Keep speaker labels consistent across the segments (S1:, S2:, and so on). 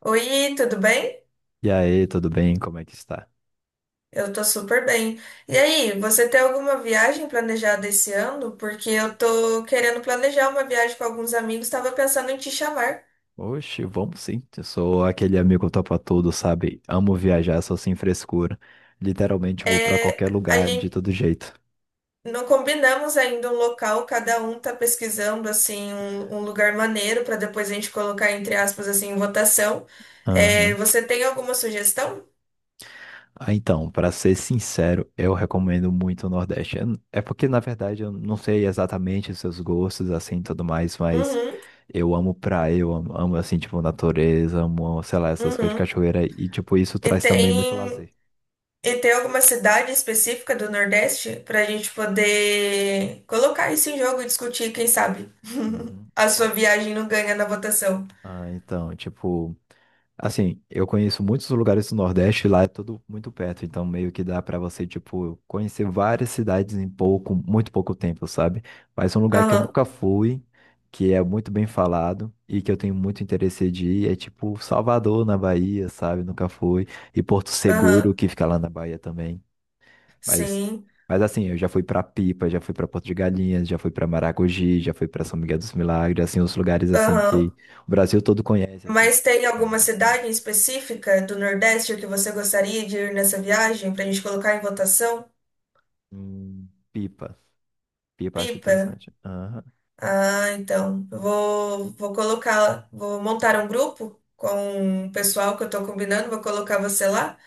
S1: Oi, tudo bem?
S2: E aí, tudo bem? Como é que está?
S1: Eu tô super bem. E aí, você tem alguma viagem planejada esse ano? Porque eu tô querendo planejar uma viagem com alguns amigos, tava pensando em te chamar.
S2: Oxe, vamos sim. Eu sou aquele amigo topa tudo, sabe? Amo viajar, sou sem frescura. Literalmente vou pra
S1: É,
S2: qualquer
S1: a
S2: lugar de
S1: gente
S2: todo jeito.
S1: não combinamos ainda um local, cada um tá pesquisando assim um lugar maneiro para depois a gente colocar entre aspas assim em votação. É,
S2: Aham.
S1: você tem alguma sugestão?
S2: Ah, então, pra ser sincero, eu recomendo muito o Nordeste. É porque, na verdade, eu não sei exatamente os seus gostos, assim, e tudo mais, mas
S1: Uhum,
S2: eu amo praia, eu amo, assim, tipo, natureza, amo, sei lá, essas coisas de
S1: uhum.
S2: cachoeira e, tipo, isso
S1: E
S2: traz também muito
S1: tem.
S2: lazer.
S1: E tem alguma cidade específica do Nordeste para a gente poder colocar isso em jogo e discutir, quem sabe?
S2: Uhum.
S1: A sua viagem não ganha na votação.
S2: Ah, então, tipo, assim, eu conheço muitos lugares do Nordeste, lá é tudo muito perto, então meio que dá pra você, tipo, conhecer várias cidades em muito pouco tempo, sabe? Mas um lugar que eu
S1: Aham,
S2: nunca fui, que é muito bem falado e que eu tenho muito interesse de ir, é tipo Salvador, na Bahia, sabe? Nunca fui. E Porto Seguro,
S1: aham,
S2: que fica lá na Bahia também. Mas,
S1: sim,
S2: mas assim, eu já fui pra Pipa, já fui pra Porto de Galinhas, já fui pra Maragogi, já fui pra São Miguel dos Milagres, assim, os lugares assim
S1: aham.
S2: que o Brasil todo conhece, assim,
S1: Mas tem
S2: é um
S1: alguma
S2: lugar
S1: cidade
S2: diferente.
S1: em específica do Nordeste que você gostaria de ir nessa viagem para a gente colocar em votação?
S2: Pipa. Pipa eu acho
S1: Pipa?
S2: interessante. Aham,
S1: Ah, então. Eu vou, colocar, vou montar um grupo com o pessoal que eu tô combinando, vou colocar você lá.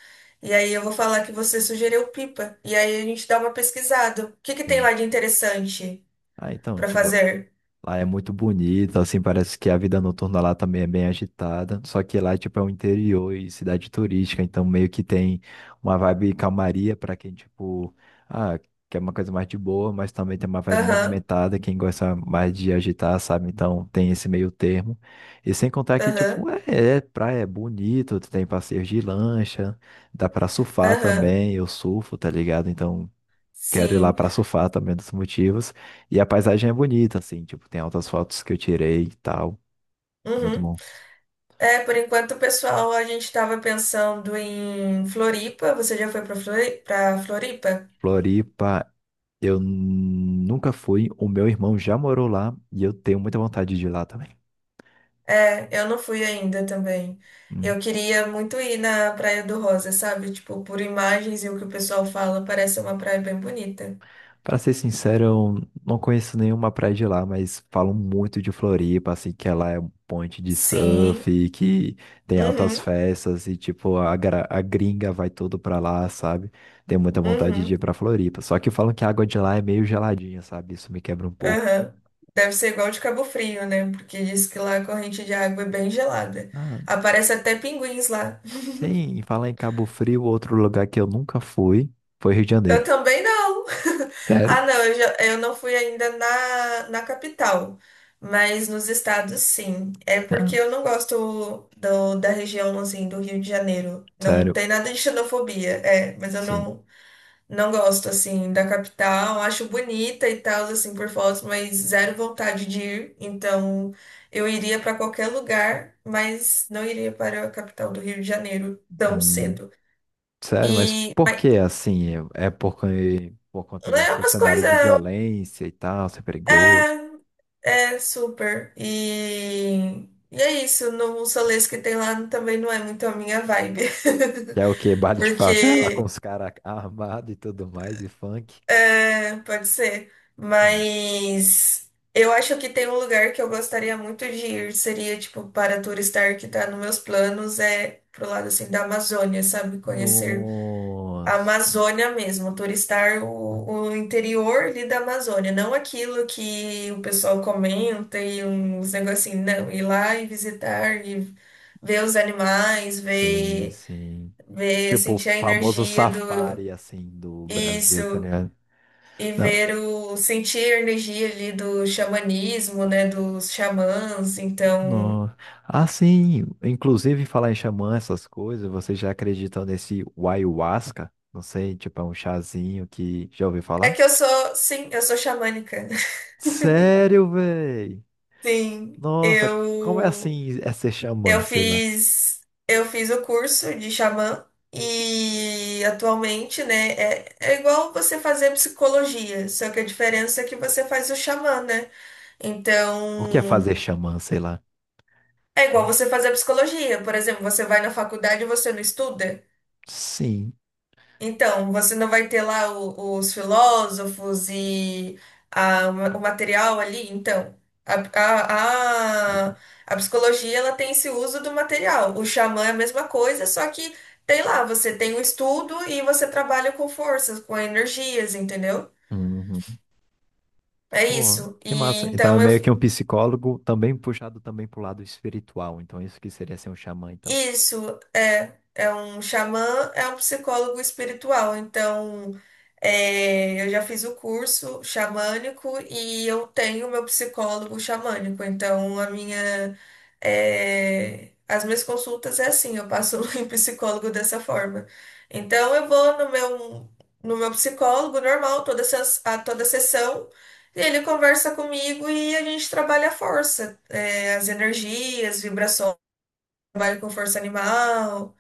S1: E aí eu vou falar que você sugeriu Pipa. E aí a gente dá uma pesquisada. O que que tem
S2: sim.
S1: lá de interessante
S2: Ah, então,
S1: pra
S2: tipo,
S1: fazer?
S2: lá é muito bonito, assim, parece que a vida noturna lá também é bem agitada. Só que lá, tipo, é o interior e cidade turística, então meio que tem uma vibe calmaria para quem, tipo, ah, quer uma coisa mais de boa, mas também tem uma vibe
S1: Aham,
S2: movimentada, quem gosta mais de agitar, sabe? Então tem esse meio termo. E sem contar que,
S1: aham,
S2: tipo, é praia, é bonito, tem passeios de lancha, dá pra surfar
S1: aham.
S2: também, eu surfo, tá ligado? Então, quero ir lá
S1: Sim.
S2: pra surfar também é dos motivos. E a paisagem é bonita, assim, tipo, tem altas fotos que eu tirei e tal. Muito
S1: Uhum.
S2: bom.
S1: É, por enquanto, pessoal, a gente tava pensando em Floripa. Você já foi pra pra Floripa?
S2: Floripa, eu nunca fui. O meu irmão já morou lá e eu tenho muita vontade de ir lá também.
S1: É, eu não fui ainda também. Eu queria muito ir na Praia do Rosa, sabe? Tipo, por imagens e o que o pessoal fala, parece uma praia bem bonita.
S2: Pra ser sincero, eu não conheço nenhuma praia de lá, mas falam muito de Floripa, assim, que ela é um ponte de
S1: Sim.
S2: surf, que tem altas
S1: Uhum.
S2: festas e, tipo, a gringa vai todo pra lá, sabe? Tenho muita vontade de ir
S1: Uhum.
S2: pra Floripa. Só que falam que a água de lá é meio geladinha, sabe? Isso me quebra um pouco.
S1: Aham. Deve ser igual de Cabo Frio, né? Porque diz que lá a corrente de água é bem gelada.
S2: Ah,
S1: Aparece até pinguins lá.
S2: sim, e falar em Cabo Frio, outro lugar que eu nunca fui foi Rio de
S1: Eu
S2: Janeiro.
S1: também não.
S2: Sério?
S1: Ah, não, eu, eu não fui ainda na capital, mas nos estados sim. É porque
S2: Ah,
S1: eu não gosto da região assim do Rio de Janeiro. Não
S2: sério,
S1: tem nada de xenofobia, é, mas eu
S2: sim.
S1: não, não gosto, assim, da capital. Acho bonita e tal, assim, por fotos, mas zero vontade de ir. Então, eu iria para qualquer lugar, mas não iria para a capital do Rio de Janeiro tão
S2: Hum,
S1: cedo.
S2: sério, mas
S1: E,
S2: por
S1: mas,
S2: que assim? Por conta
S1: né, é
S2: desse
S1: umas
S2: cenário de
S1: coisas.
S2: violência e tal, ser perigoso.
S1: É, é super. E é isso. No Solês que tem lá também não é muito a minha vibe.
S2: Que é o quê? Baile de favela com
S1: Porque
S2: os caras armados e tudo mais, e funk.
S1: é, pode ser.
S2: Hum.
S1: Mas eu acho que tem um lugar que eu gostaria muito de ir, seria tipo para turistar, que tá nos meus planos, é pro lado assim da Amazônia, sabe? Conhecer a
S2: Nossa,
S1: Amazônia mesmo, turistar o interior ali da Amazônia, não aquilo que o pessoal comenta e uns negocinhos, não, ir lá e visitar e ver os animais,
S2: sim, sim. Tipo, o
S1: sentir a
S2: famoso
S1: energia do
S2: safari, assim, do Brasil, tá
S1: isso
S2: ligado?
S1: e
S2: Não,
S1: ver o sentir a energia ali do xamanismo, né, dos xamãs. Então,
S2: não. Ah, sim, inclusive falar em xamã, essas coisas, vocês já acreditam nesse ayahuasca? Não sei, tipo, é um chazinho que já ouviu
S1: é
S2: falar?
S1: que eu sou, sim, eu sou xamânica.
S2: Sério, véi?
S1: Sim,
S2: Nossa, como é assim é ser
S1: eu
S2: xamã, sei lá?
S1: fiz eu fiz o curso de xamã e atualmente, né, é igual você fazer psicologia, só que a diferença é que você faz o xamã, né?
S2: O que é
S1: Então,
S2: fazer xamã, sei lá?
S1: é igual você fazer psicologia. Por exemplo, você vai na faculdade e você não estuda.
S2: Sim.
S1: Então, você não vai ter lá os filósofos e o material ali? Então, a,
S2: Deixa
S1: a, a,
S2: eu-
S1: a psicologia, ela tem esse uso do material. O xamã é a mesma coisa, só que tem lá, você tem o estudo e você trabalha com forças, com energias, entendeu?
S2: Uhum.
S1: É
S2: Pô,
S1: isso. E
S2: que massa. Então é
S1: então eu
S2: meio que um psicólogo também puxado também pro lado espiritual. Então isso que seria ser um xamã, então.
S1: isso é, é um xamã, é um psicólogo espiritual. Então, é, eu já fiz o curso xamânico e eu tenho meu psicólogo xamânico. Então, a minha, é, as minhas consultas é assim, eu passo em psicólogo dessa forma. Então, eu vou no meu, no meu psicólogo normal, toda, a toda sessão. E ele conversa comigo e a gente trabalha a força, é, as energias, vibrações, trabalho com força animal,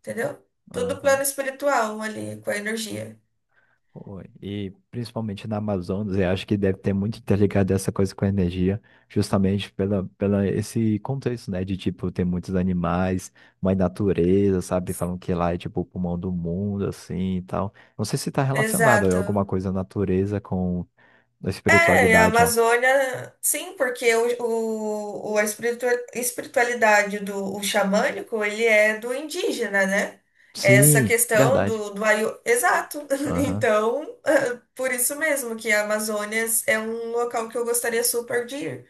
S1: entendeu? Tudo plano
S2: Aham.
S1: espiritual ali, com a energia.
S2: Pô, e principalmente na Amazonas, eu acho que deve ter muito interligado essa coisa com a energia, justamente pela esse contexto, né? De tipo, ter muitos animais, mais natureza, sabe? Falam que lá é tipo o pulmão do mundo, assim e tal. Não sei se está relacionado a
S1: Exato.
S2: alguma coisa natureza com a
S1: É, a
S2: espiritualidade, ó.
S1: Amazônia, sim, porque a espiritualidade do o xamânico, ele é do indígena, né? Essa
S2: Sim,
S1: questão
S2: verdade.
S1: exato.
S2: Aham.
S1: Então, por isso mesmo que a Amazônia é um local que eu gostaria super de ir,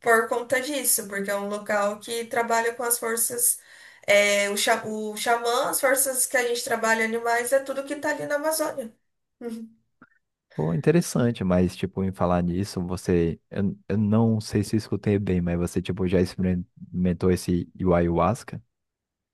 S1: por conta disso, porque é um local que trabalha com as forças, é, o, o xamã, as forças que a gente trabalha animais, é tudo que tá ali na Amazônia. Uhum.
S2: Pô, interessante, mas tipo, em falar nisso, você. Eu não sei se eu escutei bem, mas você tipo já experimentou esse ayahuasca?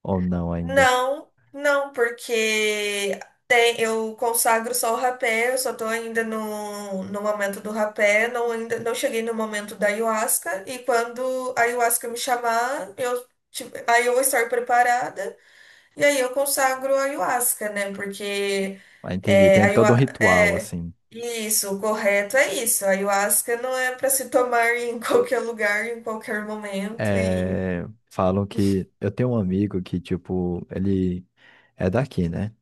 S2: Ou não ainda.
S1: Não, não, porque tem, eu consagro só o rapé, eu só tô ainda no, no momento do rapé, não, ainda, não cheguei no momento da ayahuasca, e quando a ayahuasca me chamar, eu, tipo, aí eu vou estar preparada. E aí eu consagro a ayahuasca, né? Porque
S2: Ah, entendi.
S1: é, a
S2: Tem todo um ritual,
S1: é,
S2: assim.
S1: isso, o correto é isso. A ayahuasca não é para se tomar em qualquer lugar, em qualquer momento. E,
S2: É, falam que. Eu tenho um amigo que, tipo, ele é daqui, né?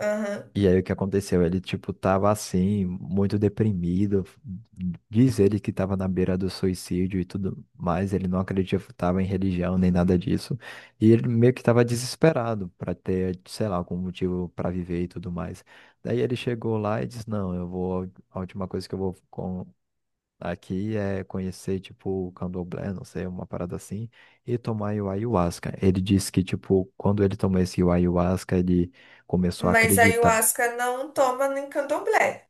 S1: aham.
S2: E aí o que aconteceu? Ele, tipo, tava assim, muito deprimido. Diz ele que tava na beira do suicídio e tudo mais. Ele não acreditava em religião nem nada disso. E ele meio que tava desesperado para ter, sei lá, algum motivo para viver e tudo mais. Daí ele chegou lá e disse: Não, eu vou. A última coisa que eu vou aqui é conhecer, tipo, o candomblé, não sei, uma parada assim, e tomar o ayahuasca. Ele disse que, tipo, quando ele tomou esse ayahuasca, ele começou a
S1: Mas a
S2: acreditar.
S1: ayahuasca não toma nem candomblé.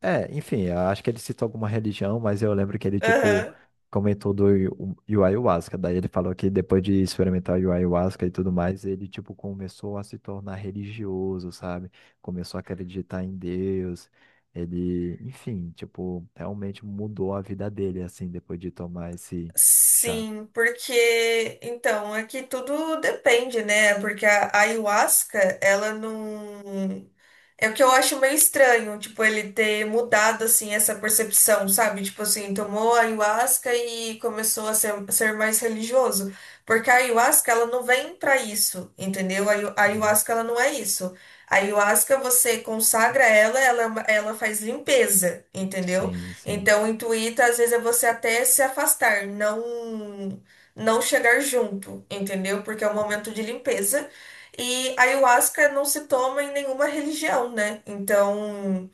S2: É, enfim, eu acho que ele citou alguma religião, mas eu lembro que ele, tipo,
S1: Aham.
S2: comentou do ayu- o ayahuasca. Daí ele falou que depois de experimentar o ayahuasca e tudo mais, ele, tipo, começou a se tornar religioso, sabe? Começou a acreditar em Deus. Ele, enfim, tipo, realmente mudou a vida dele, assim, depois de tomar esse chá.
S1: Sim, porque então aqui tudo depende, né? Porque a ayahuasca, ela não. É o que eu acho meio estranho, tipo, ele ter mudado assim essa percepção, sabe? Tipo assim, tomou a ayahuasca e começou a ser mais religioso. Porque a ayahuasca, ela não vem pra isso, entendeu? A
S2: Aham.
S1: ayahuasca, ela não é isso. A ayahuasca, você consagra ela, ela, é uma- ela faz limpeza, entendeu?
S2: Sim, sim.
S1: Então, intuita às vezes é você até se afastar, não chegar junto, entendeu? Porque é um momento de limpeza. E a ayahuasca não se toma em nenhuma religião, né? Então,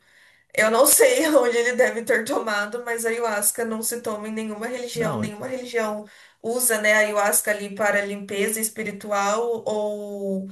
S1: eu não sei onde ele deve ter tomado, mas a ayahuasca não se toma em
S2: Não, e-
S1: nenhuma religião usa, né, a ayahuasca ali para limpeza espiritual ou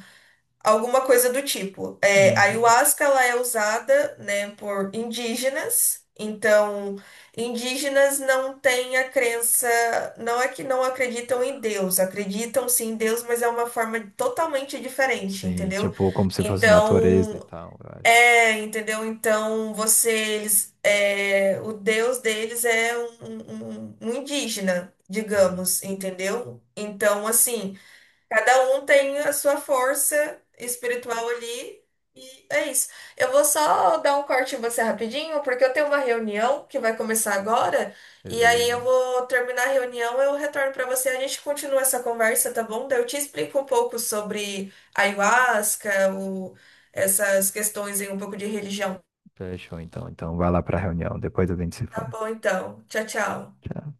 S1: alguma coisa do tipo. É, a
S2: Uhum.
S1: ayahuasca, ela é usada, né, por indígenas. Então, indígenas não têm a crença, não é que não acreditam em Deus, acreditam sim em Deus, mas é uma forma totalmente diferente,
S2: Sim,
S1: entendeu?
S2: tipo, como se fosse natureza e
S1: Então,
S2: tal, eu acho.
S1: é, entendeu? Então, você, eles, é, o Deus deles é um, um indígena,
S2: Hum,
S1: digamos, entendeu? Então, assim. Cada um tem a sua força espiritual ali e é isso. Eu vou só dar um corte em você rapidinho, porque eu tenho uma reunião que vai começar agora, e aí eu
S2: beleza.
S1: vou terminar a reunião, eu retorno para você, a gente continua essa conversa, tá bom? Daí eu te explico um pouco sobre ayahuasca, essas questões aí, um pouco de religião.
S2: Fechou, então. Então, vai lá para a reunião. Depois a gente se
S1: Tá
S2: fala.
S1: bom, então. Tchau, tchau.
S2: Tchau.